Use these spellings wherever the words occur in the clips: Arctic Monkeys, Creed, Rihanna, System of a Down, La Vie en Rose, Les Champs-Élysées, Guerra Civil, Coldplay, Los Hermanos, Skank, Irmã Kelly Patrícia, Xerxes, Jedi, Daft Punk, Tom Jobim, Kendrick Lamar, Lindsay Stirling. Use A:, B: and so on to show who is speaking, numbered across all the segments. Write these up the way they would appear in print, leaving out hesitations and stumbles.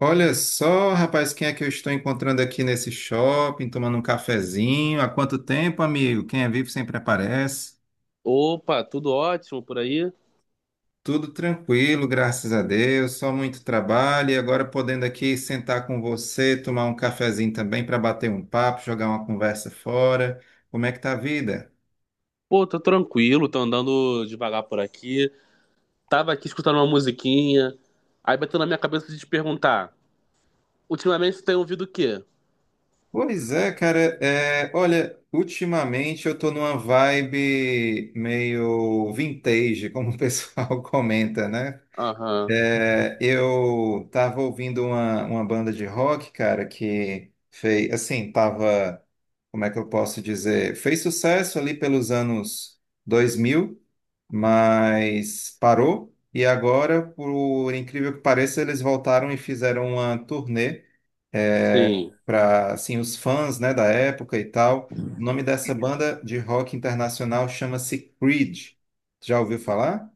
A: Olha só, rapaz, quem é que eu estou encontrando aqui nesse shopping, tomando um cafezinho? Há quanto tempo, amigo? Quem é vivo sempre aparece.
B: Opa, tudo ótimo por aí?
A: Tudo tranquilo, graças a Deus, só muito trabalho e agora podendo aqui sentar com você, tomar um cafezinho também para bater um papo, jogar uma conversa fora. Como é que tá a vida?
B: Pô, tô tranquilo, tô andando devagar por aqui. Tava aqui escutando uma musiquinha. Aí bateu na minha cabeça de te perguntar: ultimamente você tem ouvido o quê?
A: Pois é, cara. Olha, ultimamente eu tô numa vibe meio vintage, como o pessoal comenta, né?
B: Aham,
A: Eu tava ouvindo uma banda de rock, cara, que fez, assim, tava, como é que eu posso dizer, fez sucesso ali pelos anos 2000, mas parou, e agora, por incrível que pareça, eles voltaram e fizeram uma turnê
B: sim.
A: para, assim, os fãs, né, da época e tal. O nome dessa banda de rock internacional chama-se Creed. Já ouviu falar?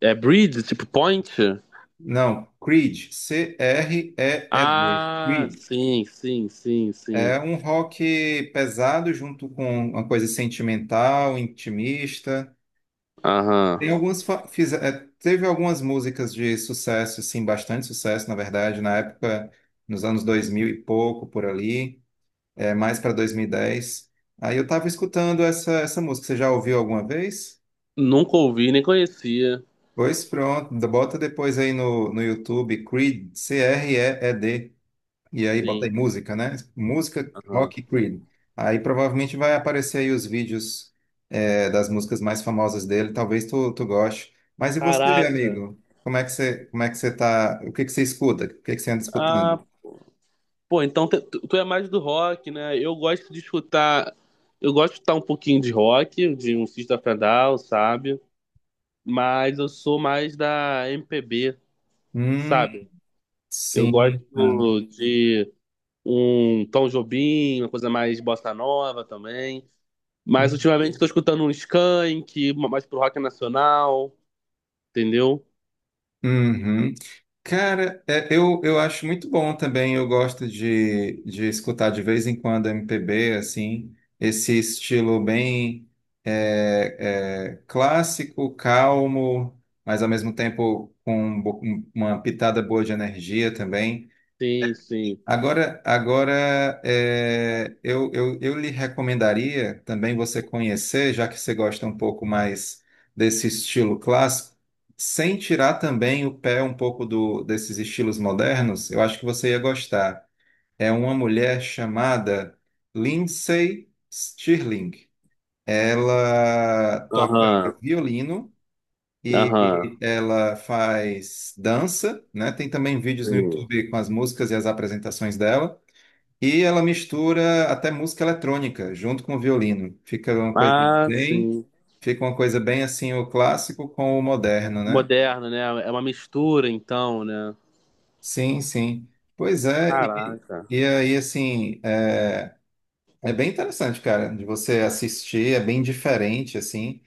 B: É Bridge, tipo Point?
A: Não, Creed, C-R-E-E-D,
B: Ah,
A: Creed.
B: sim, sim, sim, sim.
A: É um rock pesado junto com uma coisa sentimental, intimista.
B: Aham.
A: Tem algumas fa- fiz- é, Teve algumas músicas de sucesso, assim, bastante sucesso, na verdade, na época, nos anos 2000 e pouco, por ali, mais para 2010. Aí eu estava escutando essa música. Você já ouviu alguma vez?
B: Nunca ouvi, nem conhecia.
A: Pois pronto, bota depois aí no YouTube, Creed, C-R-E-E-D. E aí botei
B: Sim,
A: música, né? Música
B: aham.
A: Rock Creed. Aí provavelmente vai aparecer aí os vídeos das músicas mais famosas dele. Talvez tu goste. Mas e você,
B: Caraca.
A: amigo? Como é que você, como é que você tá? O que que você escuta? O que que você anda escutando?
B: Ah, pô, então tu é mais do rock, né? Eu gosto de escutar. Eu gosto de escutar um pouquinho de rock, de um System of a Down, sabe? Mas eu sou mais da MPB,
A: Hum,
B: sabe? Eu gosto
A: sim. Hum.
B: de um Tom Jobim, uma coisa mais bossa nova também. Mas ultimamente estou escutando um Skank, mais pro rock nacional, entendeu?
A: Uhum. Cara, é, eu acho muito bom também. Eu gosto de escutar de vez em quando MPB, assim, esse estilo bem clássico, calmo, mas ao mesmo tempo com um uma pitada boa de energia também.
B: Sim, sim.
A: Agora eu lhe recomendaria também você conhecer, já que você gosta um pouco mais desse estilo clássico, sem tirar também o pé um pouco desses estilos modernos, eu acho que você ia gostar. É uma mulher chamada Lindsay Stirling. Ela toca
B: Aham,
A: violino
B: aham,
A: e ela faz dança, né? Tem também vídeos no
B: sim.
A: YouTube com as músicas e as apresentações dela. E ela mistura até música eletrônica junto com o violino.
B: Ah,
A: Bem,
B: sim.
A: Fica uma coisa bem assim o clássico com o moderno, né?
B: Moderna, né? É uma mistura, então, né?
A: Sim, sim. Pois é, e,
B: Caraca,
A: e aí assim, é, é bem interessante, cara, de você assistir, é bem diferente assim.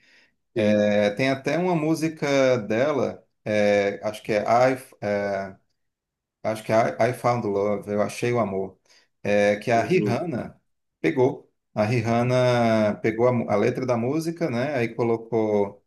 B: sim.
A: É, tem até uma música dela, acho que é I, I Found Love, Eu Achei o Amor, que a
B: Uhum.
A: Rihanna pegou. A Rihanna pegou a letra da música, né? Aí colocou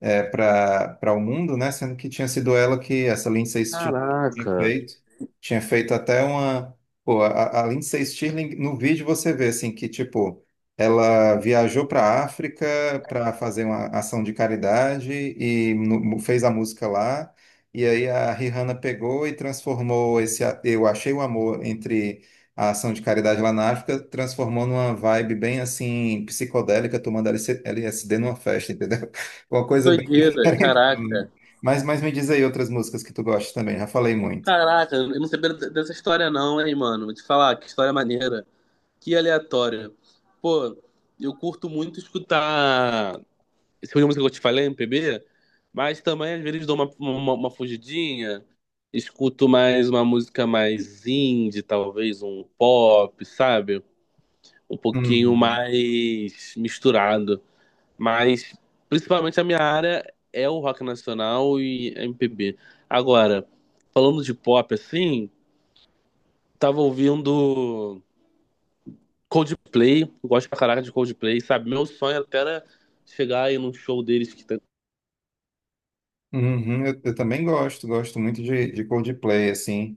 A: para o mundo, né? Sendo que tinha sido ela que essa Lindsay Stirling tinha
B: Caraca.
A: feito, tinha feito até uma, pô, a Lindsay Stirling no vídeo você vê assim que tipo ela viajou para a África para fazer uma ação de caridade e fez a música lá. E aí a Rihanna pegou e transformou esse Eu Achei o Amor entre a ação de caridade lá na África, transformou numa vibe bem assim psicodélica, tomando LSD numa festa, entendeu? Uma
B: Que
A: coisa bem
B: Doideira,
A: diferente.
B: caraca.
A: Mas me diz aí outras músicas que tu gosta também, já falei muito.
B: Caraca, eu não sabia dessa história não, hein, mano. Vou te falar, que história maneira. Que aleatória. Pô, eu curto muito escutar esse tipo de música que eu te falei, MPB, mas também às vezes dou uma fugidinha, escuto mais uma música mais indie, talvez um pop, sabe? Um pouquinho
A: Uhum.
B: mais misturado. Mas principalmente a minha área é o rock nacional e MPB. Agora, falando de pop assim, tava ouvindo Coldplay, gosto pra caraca de Coldplay, sabe? Meu sonho até era chegar aí num show deles que tem
A: Uhum, eu também gosto, gosto muito de Coldplay, assim.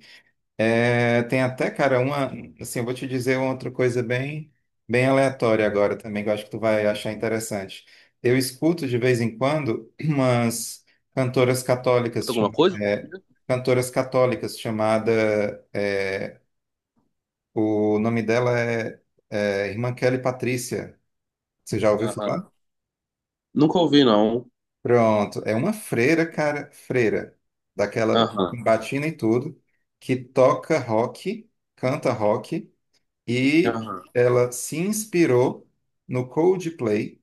A: É, tem até, cara, uma, assim, Eu vou te dizer uma outra coisa bem, bem aleatória agora também, que eu acho que tu vai achar interessante. Eu escuto de vez em quando umas cantoras
B: escuta
A: católicas,
B: alguma coisa.
A: cantoras católicas chamada, é, o nome dela é, é Irmã Kelly Patrícia. Você já ouviu falar?
B: Aham. Nunca ouvi, não.
A: Pronto. É uma freira, cara, freira, daquela
B: Aham.
A: com batina e tudo, que toca rock, canta rock, e
B: Aham.
A: ela se inspirou no Coldplay.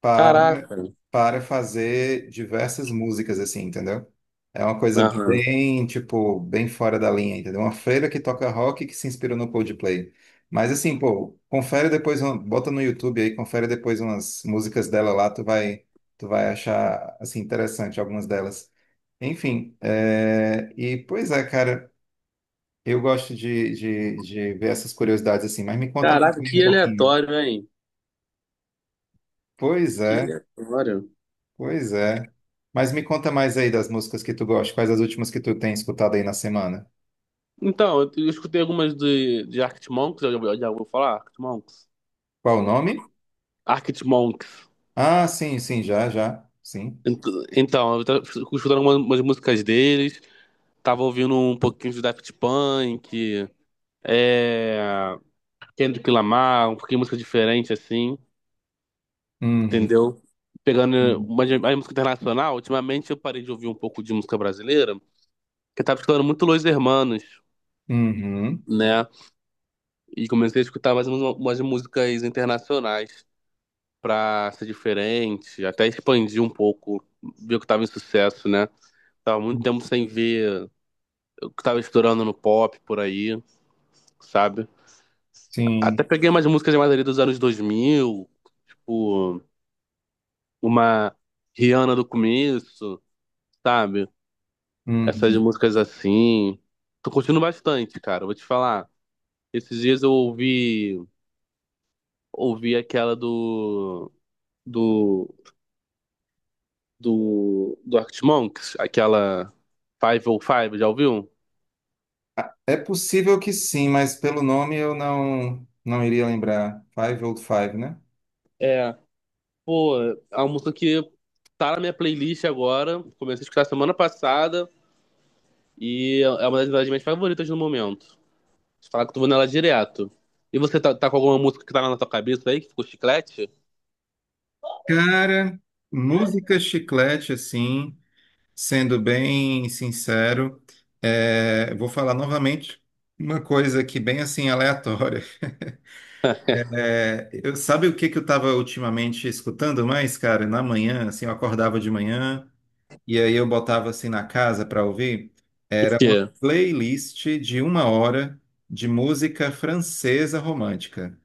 A: para,
B: Caraca.
A: Para fazer diversas músicas, assim, entendeu? É uma coisa
B: Aham.
A: bem, tipo, bem fora da linha, entendeu? Uma freira que toca rock que se inspirou no Coldplay. Mas assim, pô, confere depois, bota no YouTube aí, confere depois umas músicas dela lá, tu vai achar, assim, interessante algumas delas. Enfim, e pois é, cara, eu gosto de ver essas curiosidades assim, mas me conta mais
B: Caraca,
A: bem um
B: que
A: pouquinho.
B: aleatório, hein?
A: Pois
B: Que
A: é.
B: aleatório.
A: Pois é. Mas me conta mais aí das músicas que tu gosta. Quais as últimas que tu tem escutado aí na semana?
B: Então, eu escutei algumas de Arctic Monkeys, eu já ouviu falar? Arctic Monkeys?
A: Qual o nome?
B: Arctic Monkeys.
A: Ah, sim, sim, já, já. Sim.
B: Ent- Então, eu tava escutando algumas umas músicas deles, tava ouvindo um pouquinho de Daft Punk, é, Kendrick Lamar, um pouquinho de música diferente, assim,
A: Uhum.
B: entendeu? Pegando a música internacional, ultimamente eu parei de ouvir um pouco de música brasileira, porque eu tava escutando muito Los Hermanos,
A: Uhum.
B: né? E comecei a escutar mais umas músicas internacionais. Pra ser diferente, até expandir um pouco, ver o que tava em sucesso, né? Tava muito tempo sem ver o que tava estourando no pop por aí, sabe? Até
A: Sim.
B: peguei umas músicas de ali dos anos 2000, tipo, uma Rihanna do começo, sabe? Essas
A: Uhum.
B: músicas assim. Tô curtindo bastante, cara, vou te falar. Esses dias eu ouvi aquela do, do Arctic Monkeys, aquela Five oh Five, já ouviu?
A: É possível que sim, mas pelo nome eu não iria lembrar. Five Old Five, né?
B: É, pô, a música que tá na minha playlist agora, comecei a escutar semana passada e é uma das minhas favoritas no momento. Você fala que tu vou nela direto. E você tá com alguma música que tá na tua cabeça aí, que ficou chiclete?
A: Cara, música chiclete, assim, sendo bem sincero, vou falar novamente uma coisa aqui bem assim aleatória. Sabe o que que eu estava ultimamente escutando mais, cara? Na manhã, assim, eu acordava de manhã e aí eu botava assim na casa para ouvir. Era uma
B: Que,
A: playlist de uma hora de música francesa romântica.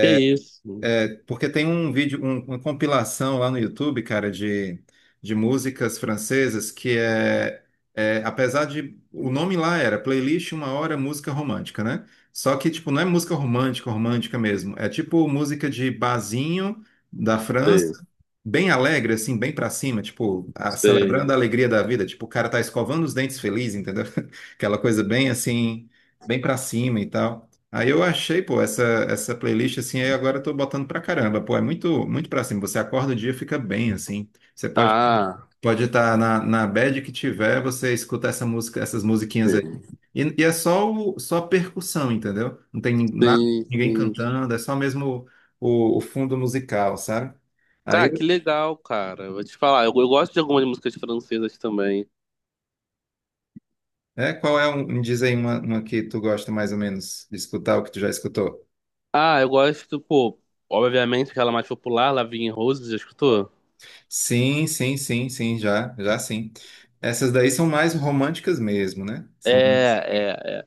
B: que isso?
A: É, porque tem um vídeo, uma compilação lá no YouTube, cara, de músicas francesas que é, é, apesar de, o nome lá era Playlist Uma Hora Música Romântica, né? Só que, tipo, não é música romântica, romântica mesmo. É tipo música de barzinho da
B: Sei,
A: França, bem alegre, assim, bem pra cima, tipo, celebrando
B: sei.
A: a alegria da vida. Tipo, o cara tá escovando os dentes feliz, entendeu? Aquela coisa bem, assim, bem pra cima e tal. Aí eu achei, pô, essa playlist assim, aí agora eu tô botando pra caramba, pô, é muito muito pra cima. Você acorda o dia, fica bem assim. Você pode
B: Ah,
A: pode estar na bad que tiver, você escuta essa música, essas musiquinhas aí.
B: sim,
A: E é só só percussão, entendeu? Não tem nada,
B: sim,
A: ninguém
B: sim.
A: cantando, é só mesmo o fundo musical, sabe? Aí,
B: Cara, que legal, cara. Vou te falar, eu gosto de algumas músicas francesas também.
A: é, qual é um, me diz aí uma que tu gosta mais ou menos de escutar, o que tu já escutou?
B: Ah, eu gosto, pô, obviamente aquela mais popular, La Vie en Rose, já escutou?
A: Sim, sim, sim, sim, já, já sim. Essas daí são mais românticas mesmo, né? São...
B: É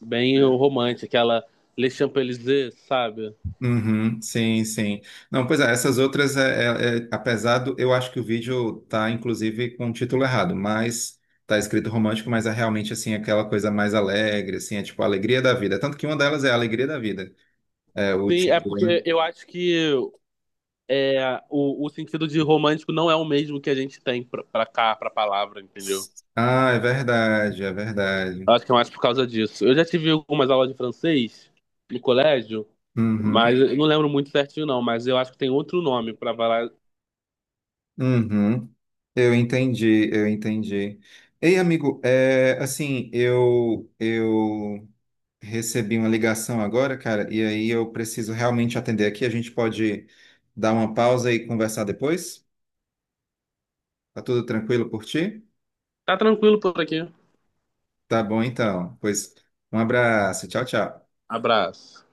B: bem romântica, aquela Les Champs-Élysées, sabe?
A: Uhum, sim, sim. Não, pois é, essas outras, apesar do, eu acho que o vídeo tá, inclusive, com o título errado, mas tá escrito romântico, mas é realmente, assim, aquela coisa mais alegre, assim, é tipo a alegria da vida. Tanto que uma delas é a alegria da vida, é o
B: Sim, é
A: título, né?
B: porque eu acho que é, o sentido de romântico não é o mesmo que a gente tem pra cá, pra palavra, entendeu?
A: Ah, é verdade, é
B: Eu
A: verdade.
B: acho que é mais por causa disso. Eu já tive algumas aulas de francês no colégio,
A: Uhum,
B: mas eu não lembro muito certinho, não. Mas eu acho que tem outro nome pra falar.
A: uhum. Eu entendi, eu entendi. Ei, amigo, é, assim, eu recebi uma ligação agora, cara, e aí eu preciso realmente atender aqui. A gente pode dar uma pausa e conversar depois? Tá tudo tranquilo por ti?
B: Tá tranquilo por aqui.
A: Tá bom, então. Pois um abraço, tchau, tchau.
B: Abraço.